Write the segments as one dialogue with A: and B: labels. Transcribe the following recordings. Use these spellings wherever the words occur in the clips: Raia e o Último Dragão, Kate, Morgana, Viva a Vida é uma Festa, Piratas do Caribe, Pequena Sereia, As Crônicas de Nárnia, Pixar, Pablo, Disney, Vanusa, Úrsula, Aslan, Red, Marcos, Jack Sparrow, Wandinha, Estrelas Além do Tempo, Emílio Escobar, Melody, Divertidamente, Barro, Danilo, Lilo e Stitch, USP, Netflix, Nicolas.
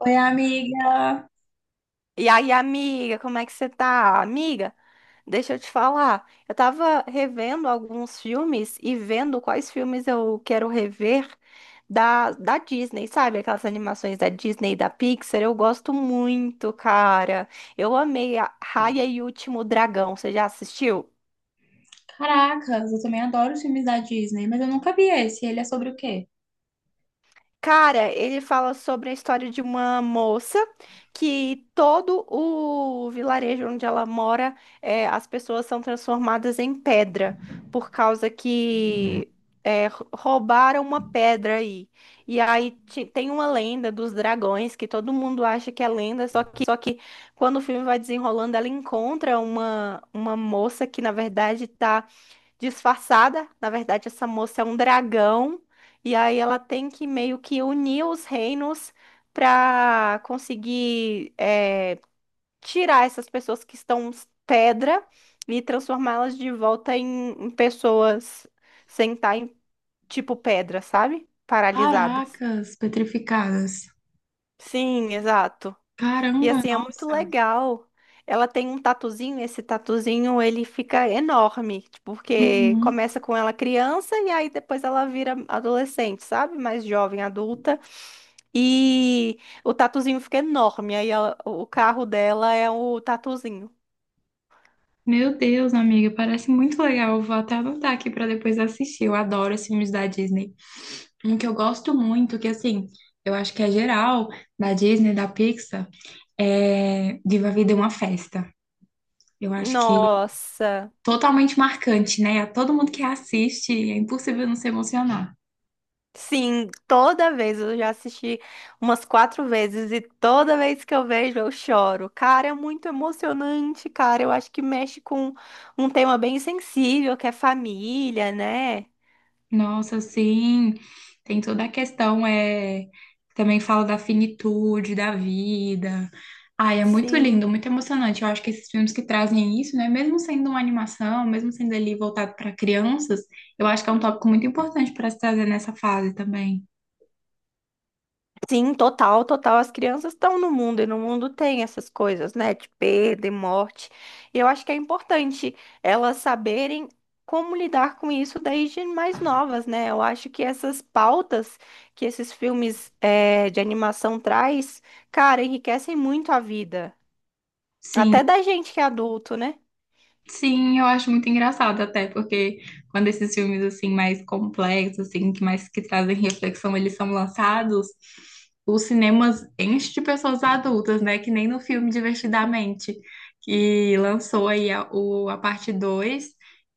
A: Oi, amiga!
B: E aí, amiga, como é que você tá? Amiga, deixa eu te falar. Eu tava revendo alguns filmes e vendo quais filmes eu quero rever da Disney, sabe? Aquelas animações da Disney e da Pixar. Eu gosto muito, cara. Eu amei a Raia e o Último Dragão. Você já assistiu?
A: Caracas, eu também adoro os filmes da Disney, mas eu nunca vi esse. Ele é sobre o quê?
B: Cara, ele fala sobre a história de uma moça que todo o vilarejo onde ela mora, as pessoas são transformadas em pedra por causa que roubaram uma pedra aí. E aí tem uma lenda dos dragões que todo mundo acha que é lenda, só que quando o filme vai desenrolando, ela encontra uma moça que na verdade tá disfarçada. Na verdade, essa moça é um dragão e aí ela tem que meio que unir os reinos para conseguir tirar essas pessoas que estão pedra e transformá-las de volta em pessoas sem estar em tipo pedra, sabe? Paralisadas.
A: Caracas, petrificadas.
B: Sim, exato. E
A: Caramba,
B: assim, é muito
A: nossa.
B: legal. Ela tem um tatuzinho, esse tatuzinho ele fica enorme, tipo, porque
A: Uhum.
B: começa com ela criança e aí depois ela vira adolescente, sabe? Mais jovem, adulta. E o tatuzinho fica enorme, aí ela- o carro dela é o tatuzinho.
A: Meu Deus, amiga, parece muito legal. Eu vou até anotar aqui para depois assistir. Eu adoro esses filmes da Disney. Um que eu gosto muito, que assim, eu acho que é geral da Disney, da Pixar, é Viva a Vida é uma Festa. Eu acho que
B: Nossa!
A: totalmente marcante, né? A todo mundo que assiste, é impossível não se emocionar.
B: Sim, toda vez eu já assisti umas quatro vezes e toda vez que eu vejo eu choro. Cara, é muito emocionante, cara. Eu acho que mexe com um tema bem sensível, que é família, né?
A: Nossa, sim, tem toda a questão, também fala da finitude, da vida. Ai, é muito
B: Sim.
A: lindo, muito emocionante. Eu acho que esses filmes que trazem isso, né, mesmo sendo uma animação, mesmo sendo ali voltado para crianças, eu acho que é um tópico muito importante para se trazer nessa fase também.
B: Sim, total, total. As crianças estão no mundo e no mundo tem essas coisas, né? De perda e morte. E eu acho que é importante elas saberem como lidar com isso desde mais novas, né? Eu acho que essas pautas que esses filmes de animação traz, cara, enriquecem muito a vida.
A: Sim.
B: Até da gente que é adulto, né?
A: Sim, eu acho muito engraçado até, porque quando esses filmes assim mais complexos, assim, que mais que trazem reflexão, eles são lançados, os cinemas enchem de pessoas adultas, né? Que nem no filme Divertidamente, que lançou a parte 2,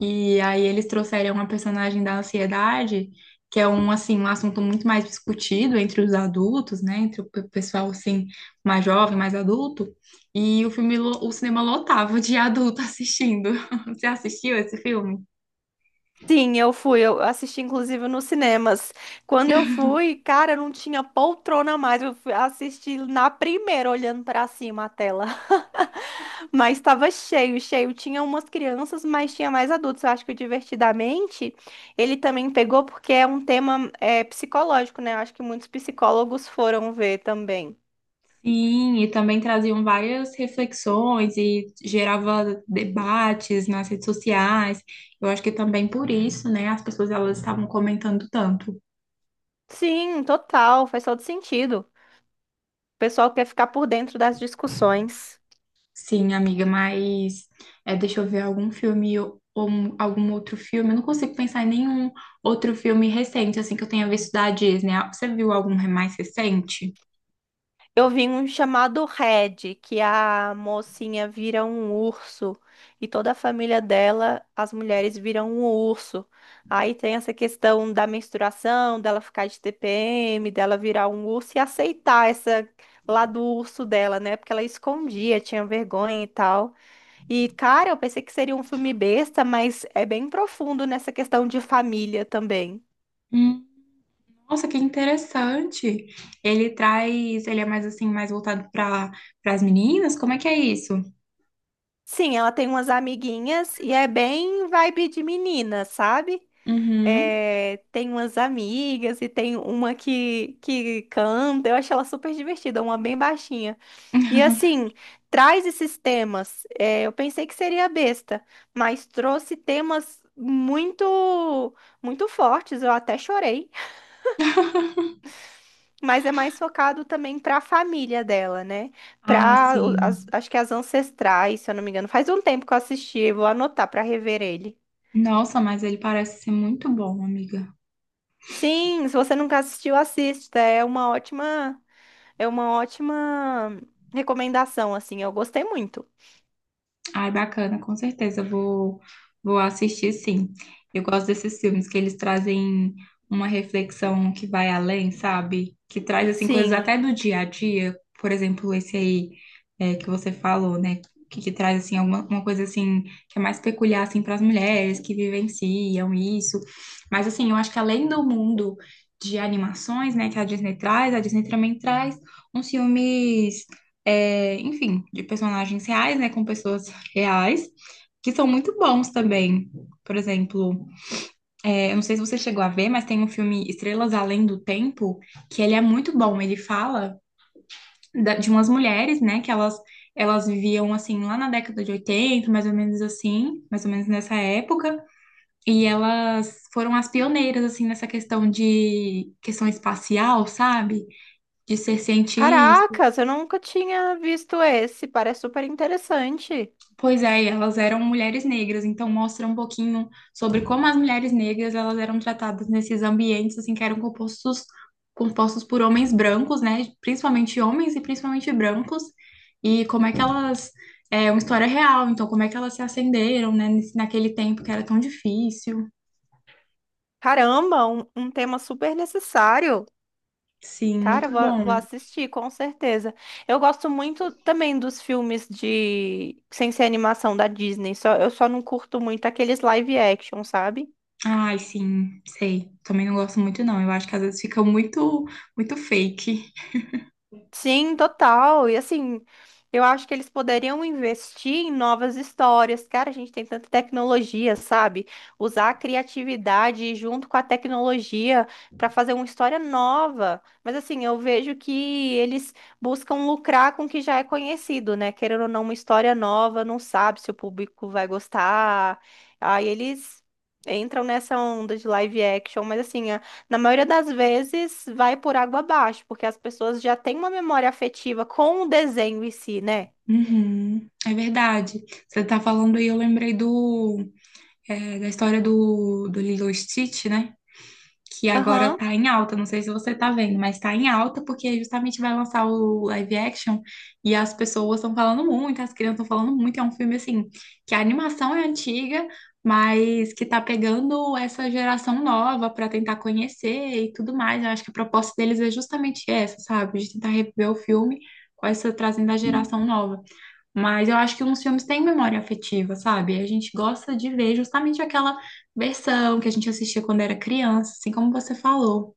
A: e aí eles trouxeram uma personagem da ansiedade, que é um assim, um assunto muito mais discutido entre os adultos, né? Entre o pessoal assim mais jovem, mais adulto. E o filme, o cinema lotava de adulto assistindo. Você assistiu esse filme?
B: Sim, eu fui, eu assisti inclusive nos cinemas. Quando eu fui, cara, não tinha poltrona mais. Eu fui assistir na primeira, olhando pra cima a tela. Mas estava cheio, cheio. Tinha umas crianças, mas tinha mais adultos. Eu acho que o Divertidamente ele também pegou porque é um tema psicológico, né? Eu acho que muitos psicólogos foram ver também.
A: Sim, e também traziam várias reflexões e gerava debates nas redes sociais. Eu acho que também por isso, né, as pessoas elas estavam comentando tanto.
B: Sim, total, faz todo sentido. O pessoal quer ficar por dentro das discussões.
A: Sim, amiga, mas deixa eu ver algum filme ou algum outro filme. Eu não consigo pensar em nenhum outro filme recente assim que eu tenha visto da Disney. Ah, você viu algum mais recente?
B: Eu vi um chamado Red, que a mocinha vira um urso e toda a família dela, as mulheres viram um urso. Aí tem essa questão da menstruação, dela ficar de TPM, dela virar um urso e aceitar essa lá do urso dela, né? Porque ela escondia, tinha vergonha e tal. E, cara, eu pensei que seria um filme besta, mas é bem profundo nessa questão de família também.
A: Nossa, que interessante. Ele traz, ele é mais assim, mais voltado para as meninas? Como é que é isso?
B: Sim, ela tem umas amiguinhas e é bem vibe de menina, sabe?
A: Uhum.
B: É, tem umas amigas e tem uma que canta. Eu acho ela super divertida, uma bem baixinha. E assim, traz esses temas. É, eu pensei que seria besta, mas trouxe temas muito fortes. Eu até chorei, mas é mais focado também para a família dela, né?
A: Ah,
B: Para
A: sim.
B: acho que as ancestrais, se eu não me engano. Faz um tempo que eu assisti, eu vou anotar para rever ele.
A: Nossa, mas ele parece ser muito bom, amiga.
B: Sim, se você nunca assistiu, assista. É uma ótima. É uma ótima recomendação, assim. Eu gostei muito.
A: Ai, bacana, com certeza vou assistir sim. Eu gosto desses filmes que eles trazem uma reflexão que vai além, sabe? Que traz assim coisas
B: Sim.
A: até do dia a dia, por exemplo, esse aí que você falou, né? Que traz assim alguma uma coisa assim que é mais peculiar assim para as mulheres que vivenciam isso. Mas assim, eu acho que além do mundo de animações, né, que a Disney traz, a Disney também traz uns filmes enfim, de personagens reais, né, com pessoas reais, que são muito bons também. Por exemplo, eu não sei se você chegou a ver, mas tem um filme Estrelas Além do Tempo, que ele é muito bom. Ele fala de umas mulheres, né, que elas viviam assim lá na década de 80, mais ou menos assim, mais ou menos nessa época, e elas foram as pioneiras assim nessa questão de questão espacial, sabe? De ser cientistas.
B: Caracas, eu nunca tinha visto esse. Parece super interessante.
A: Pois é, e elas eram mulheres negras, então mostra um pouquinho sobre como as mulheres negras elas eram tratadas nesses ambientes assim que eram compostos por homens brancos, né? Principalmente homens e principalmente brancos, e como é que elas, é uma história real, então como é que elas se acenderam, né, naquele tempo que era tão difícil.
B: Caramba, um tema super necessário.
A: Sim,
B: Cara,
A: muito
B: vou
A: bom.
B: assistir, com certeza. Eu gosto muito também dos filmes de sem ser animação da Disney. Só, eu só não curto muito aqueles live action, sabe?
A: Ai, sim, sei. Também não gosto muito não. Eu acho que às vezes fica muito fake.
B: Sim, total. E assim, eu acho que eles poderiam investir em novas histórias. Cara, a gente tem tanta tecnologia, sabe? Usar a criatividade junto com a tecnologia para fazer uma história nova. Mas assim, eu vejo que eles buscam lucrar com o que já é conhecido, né? Querendo ou não, uma história nova, não sabe se o público vai gostar. Aí eles entram nessa onda de live action, mas assim, na maioria das vezes, vai por água abaixo, porque as pessoas já têm uma memória afetiva com o desenho em si, né?
A: Uhum, é verdade. Você tá falando aí, eu lembrei do, da história do, do Lilo e Stitch, né? Que agora
B: Aham.
A: tá em alta. Não sei se você tá vendo, mas tá em alta porque justamente vai lançar o live action, e as pessoas estão falando muito, as crianças estão falando muito. É um filme assim que a animação é antiga, mas que tá pegando essa geração nova pra tentar conhecer e tudo mais. Eu acho que a proposta deles é justamente essa, sabe? De tentar reviver o filme com essa trazendo a geração nova. Mas eu acho que uns filmes têm memória afetiva, sabe? A gente gosta de ver justamente aquela versão que a gente assistia quando era criança, assim como você falou.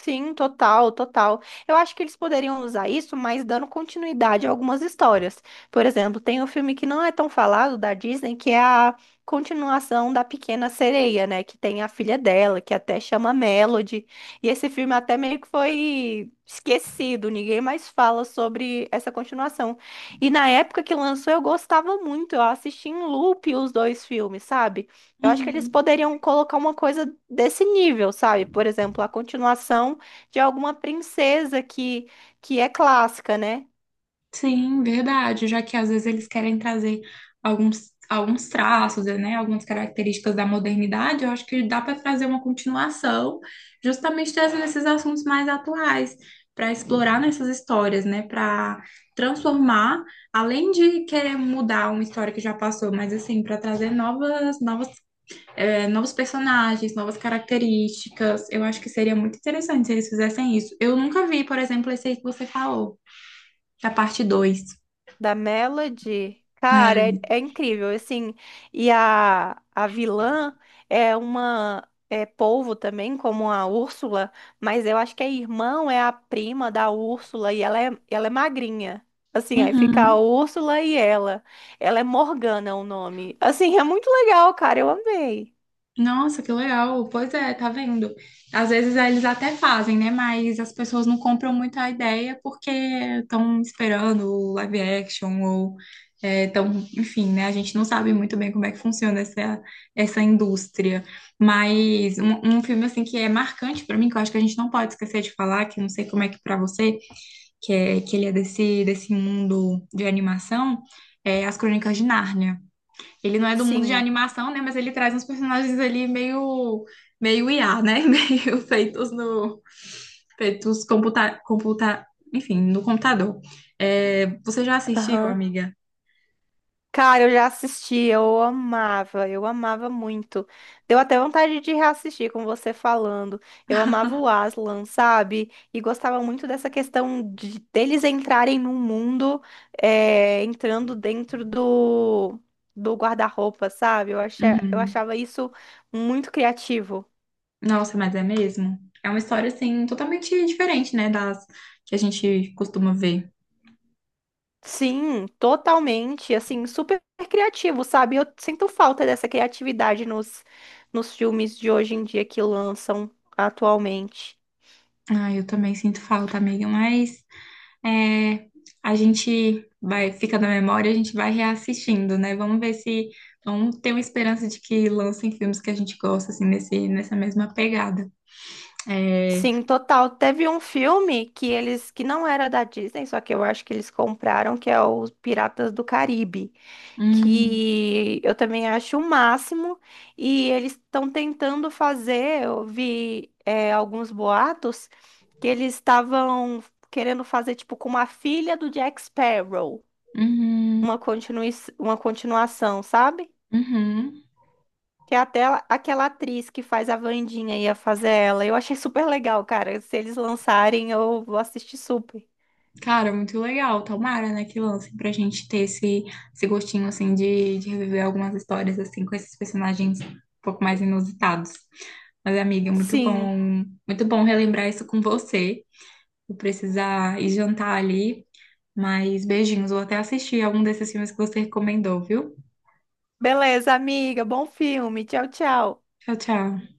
B: Sim, total, total. Eu acho que eles poderiam usar isso, mas dando continuidade a algumas histórias. Por exemplo, tem um filme que não é tão falado da Disney, que é a continuação da Pequena Sereia, né? Que tem a filha dela, que até chama Melody. E esse filme até meio que foi esquecido, ninguém mais fala sobre essa continuação. E na época que lançou, eu gostava muito, eu assisti em loop os dois filmes, sabe? Eu acho que eles
A: Uhum.
B: poderiam colocar uma coisa desse nível, sabe? Por exemplo, a continuação de alguma princesa que é clássica, né?
A: Sim, verdade, já que às vezes eles querem trazer alguns traços, né, algumas características da modernidade, eu acho que dá para trazer uma continuação, justamente trazendo esses assuntos mais atuais, para explorar nessas histórias, né, para transformar, além de querer mudar uma história que já passou, mas assim, para trazer novos personagens, novas características, eu acho que seria muito interessante se eles fizessem isso. Eu nunca vi, por exemplo, esse aí que você falou, da parte 2.
B: Da Melody. Cara, é incrível, assim. E a vilã é uma é polvo também, como a Úrsula, mas eu acho que a irmã é a prima da Úrsula e ela é magrinha. Assim, aí fica a
A: Uhum.
B: Úrsula e ela. Ela é Morgana o nome. Assim, é muito legal, cara, eu amei.
A: Nossa, que legal. Pois é, tá vendo? Às vezes eles até fazem, né? Mas as pessoas não compram muito a ideia porque estão esperando o live action ou estão, enfim, né? A gente não sabe muito bem como é que funciona essa, essa indústria. Mas um filme assim que é marcante pra mim, que eu acho que a gente não pode esquecer de falar, que eu não sei como é que pra você, que é que ele é desse mundo de animação, é As Crônicas de Nárnia. Ele não é do mundo de
B: Sim.
A: animação, né? Mas ele traz uns personagens ali meio IA, né? Meio feitos no, feitos enfim, no computador. É, você já assistiu,
B: Aham.
A: amiga?
B: Cara, eu já assisti, eu amava muito. Deu até vontade de reassistir com você falando. Eu amava o Aslan, sabe? E gostava muito dessa questão de deles entrarem num mundo, entrando dentro do, do guarda-roupa, sabe? Eu
A: Uhum.
B: achava isso muito criativo.
A: Nossa, mas é mesmo? É uma história assim totalmente diferente, né? Das que a gente costuma ver.
B: Sim, totalmente, assim, super criativo, sabe? Eu sinto falta dessa criatividade nos, nos filmes de hoje em dia que lançam atualmente.
A: Ah, eu também sinto falta, amiga, mas É, a gente vai, fica na memória, a gente vai reassistindo, né? Vamos ver se vamos ter uma esperança de que lancem filmes que a gente gosta, assim, nessa mesma pegada. É,
B: Sim, total. Teve um filme que eles, que não era da Disney, só que eu acho que eles compraram, que é os Piratas do Caribe,
A: hum,
B: que eu também acho o máximo, e eles estão tentando fazer, eu vi alguns boatos que eles estavam querendo fazer tipo com uma filha do Jack Sparrow,
A: uhum,
B: uma continui uma continuação, sabe?
A: uhum.
B: Que é até aquela atriz que faz a Wandinha ia fazer ela. Eu achei super legal, cara. Se eles lançarem, eu vou assistir super.
A: Cara, muito legal. Tomara, né, que lancem pra gente ter esse gostinho, assim, de reviver algumas histórias, assim, com esses personagens um pouco mais inusitados. Mas, amiga,
B: Sim.
A: muito bom relembrar isso com você. Vou precisar ir jantar ali. Mas beijinhos, vou até assistir algum desses filmes que você recomendou, viu?
B: Beleza, amiga. Bom filme. Tchau, tchau.
A: Tchau, tchau.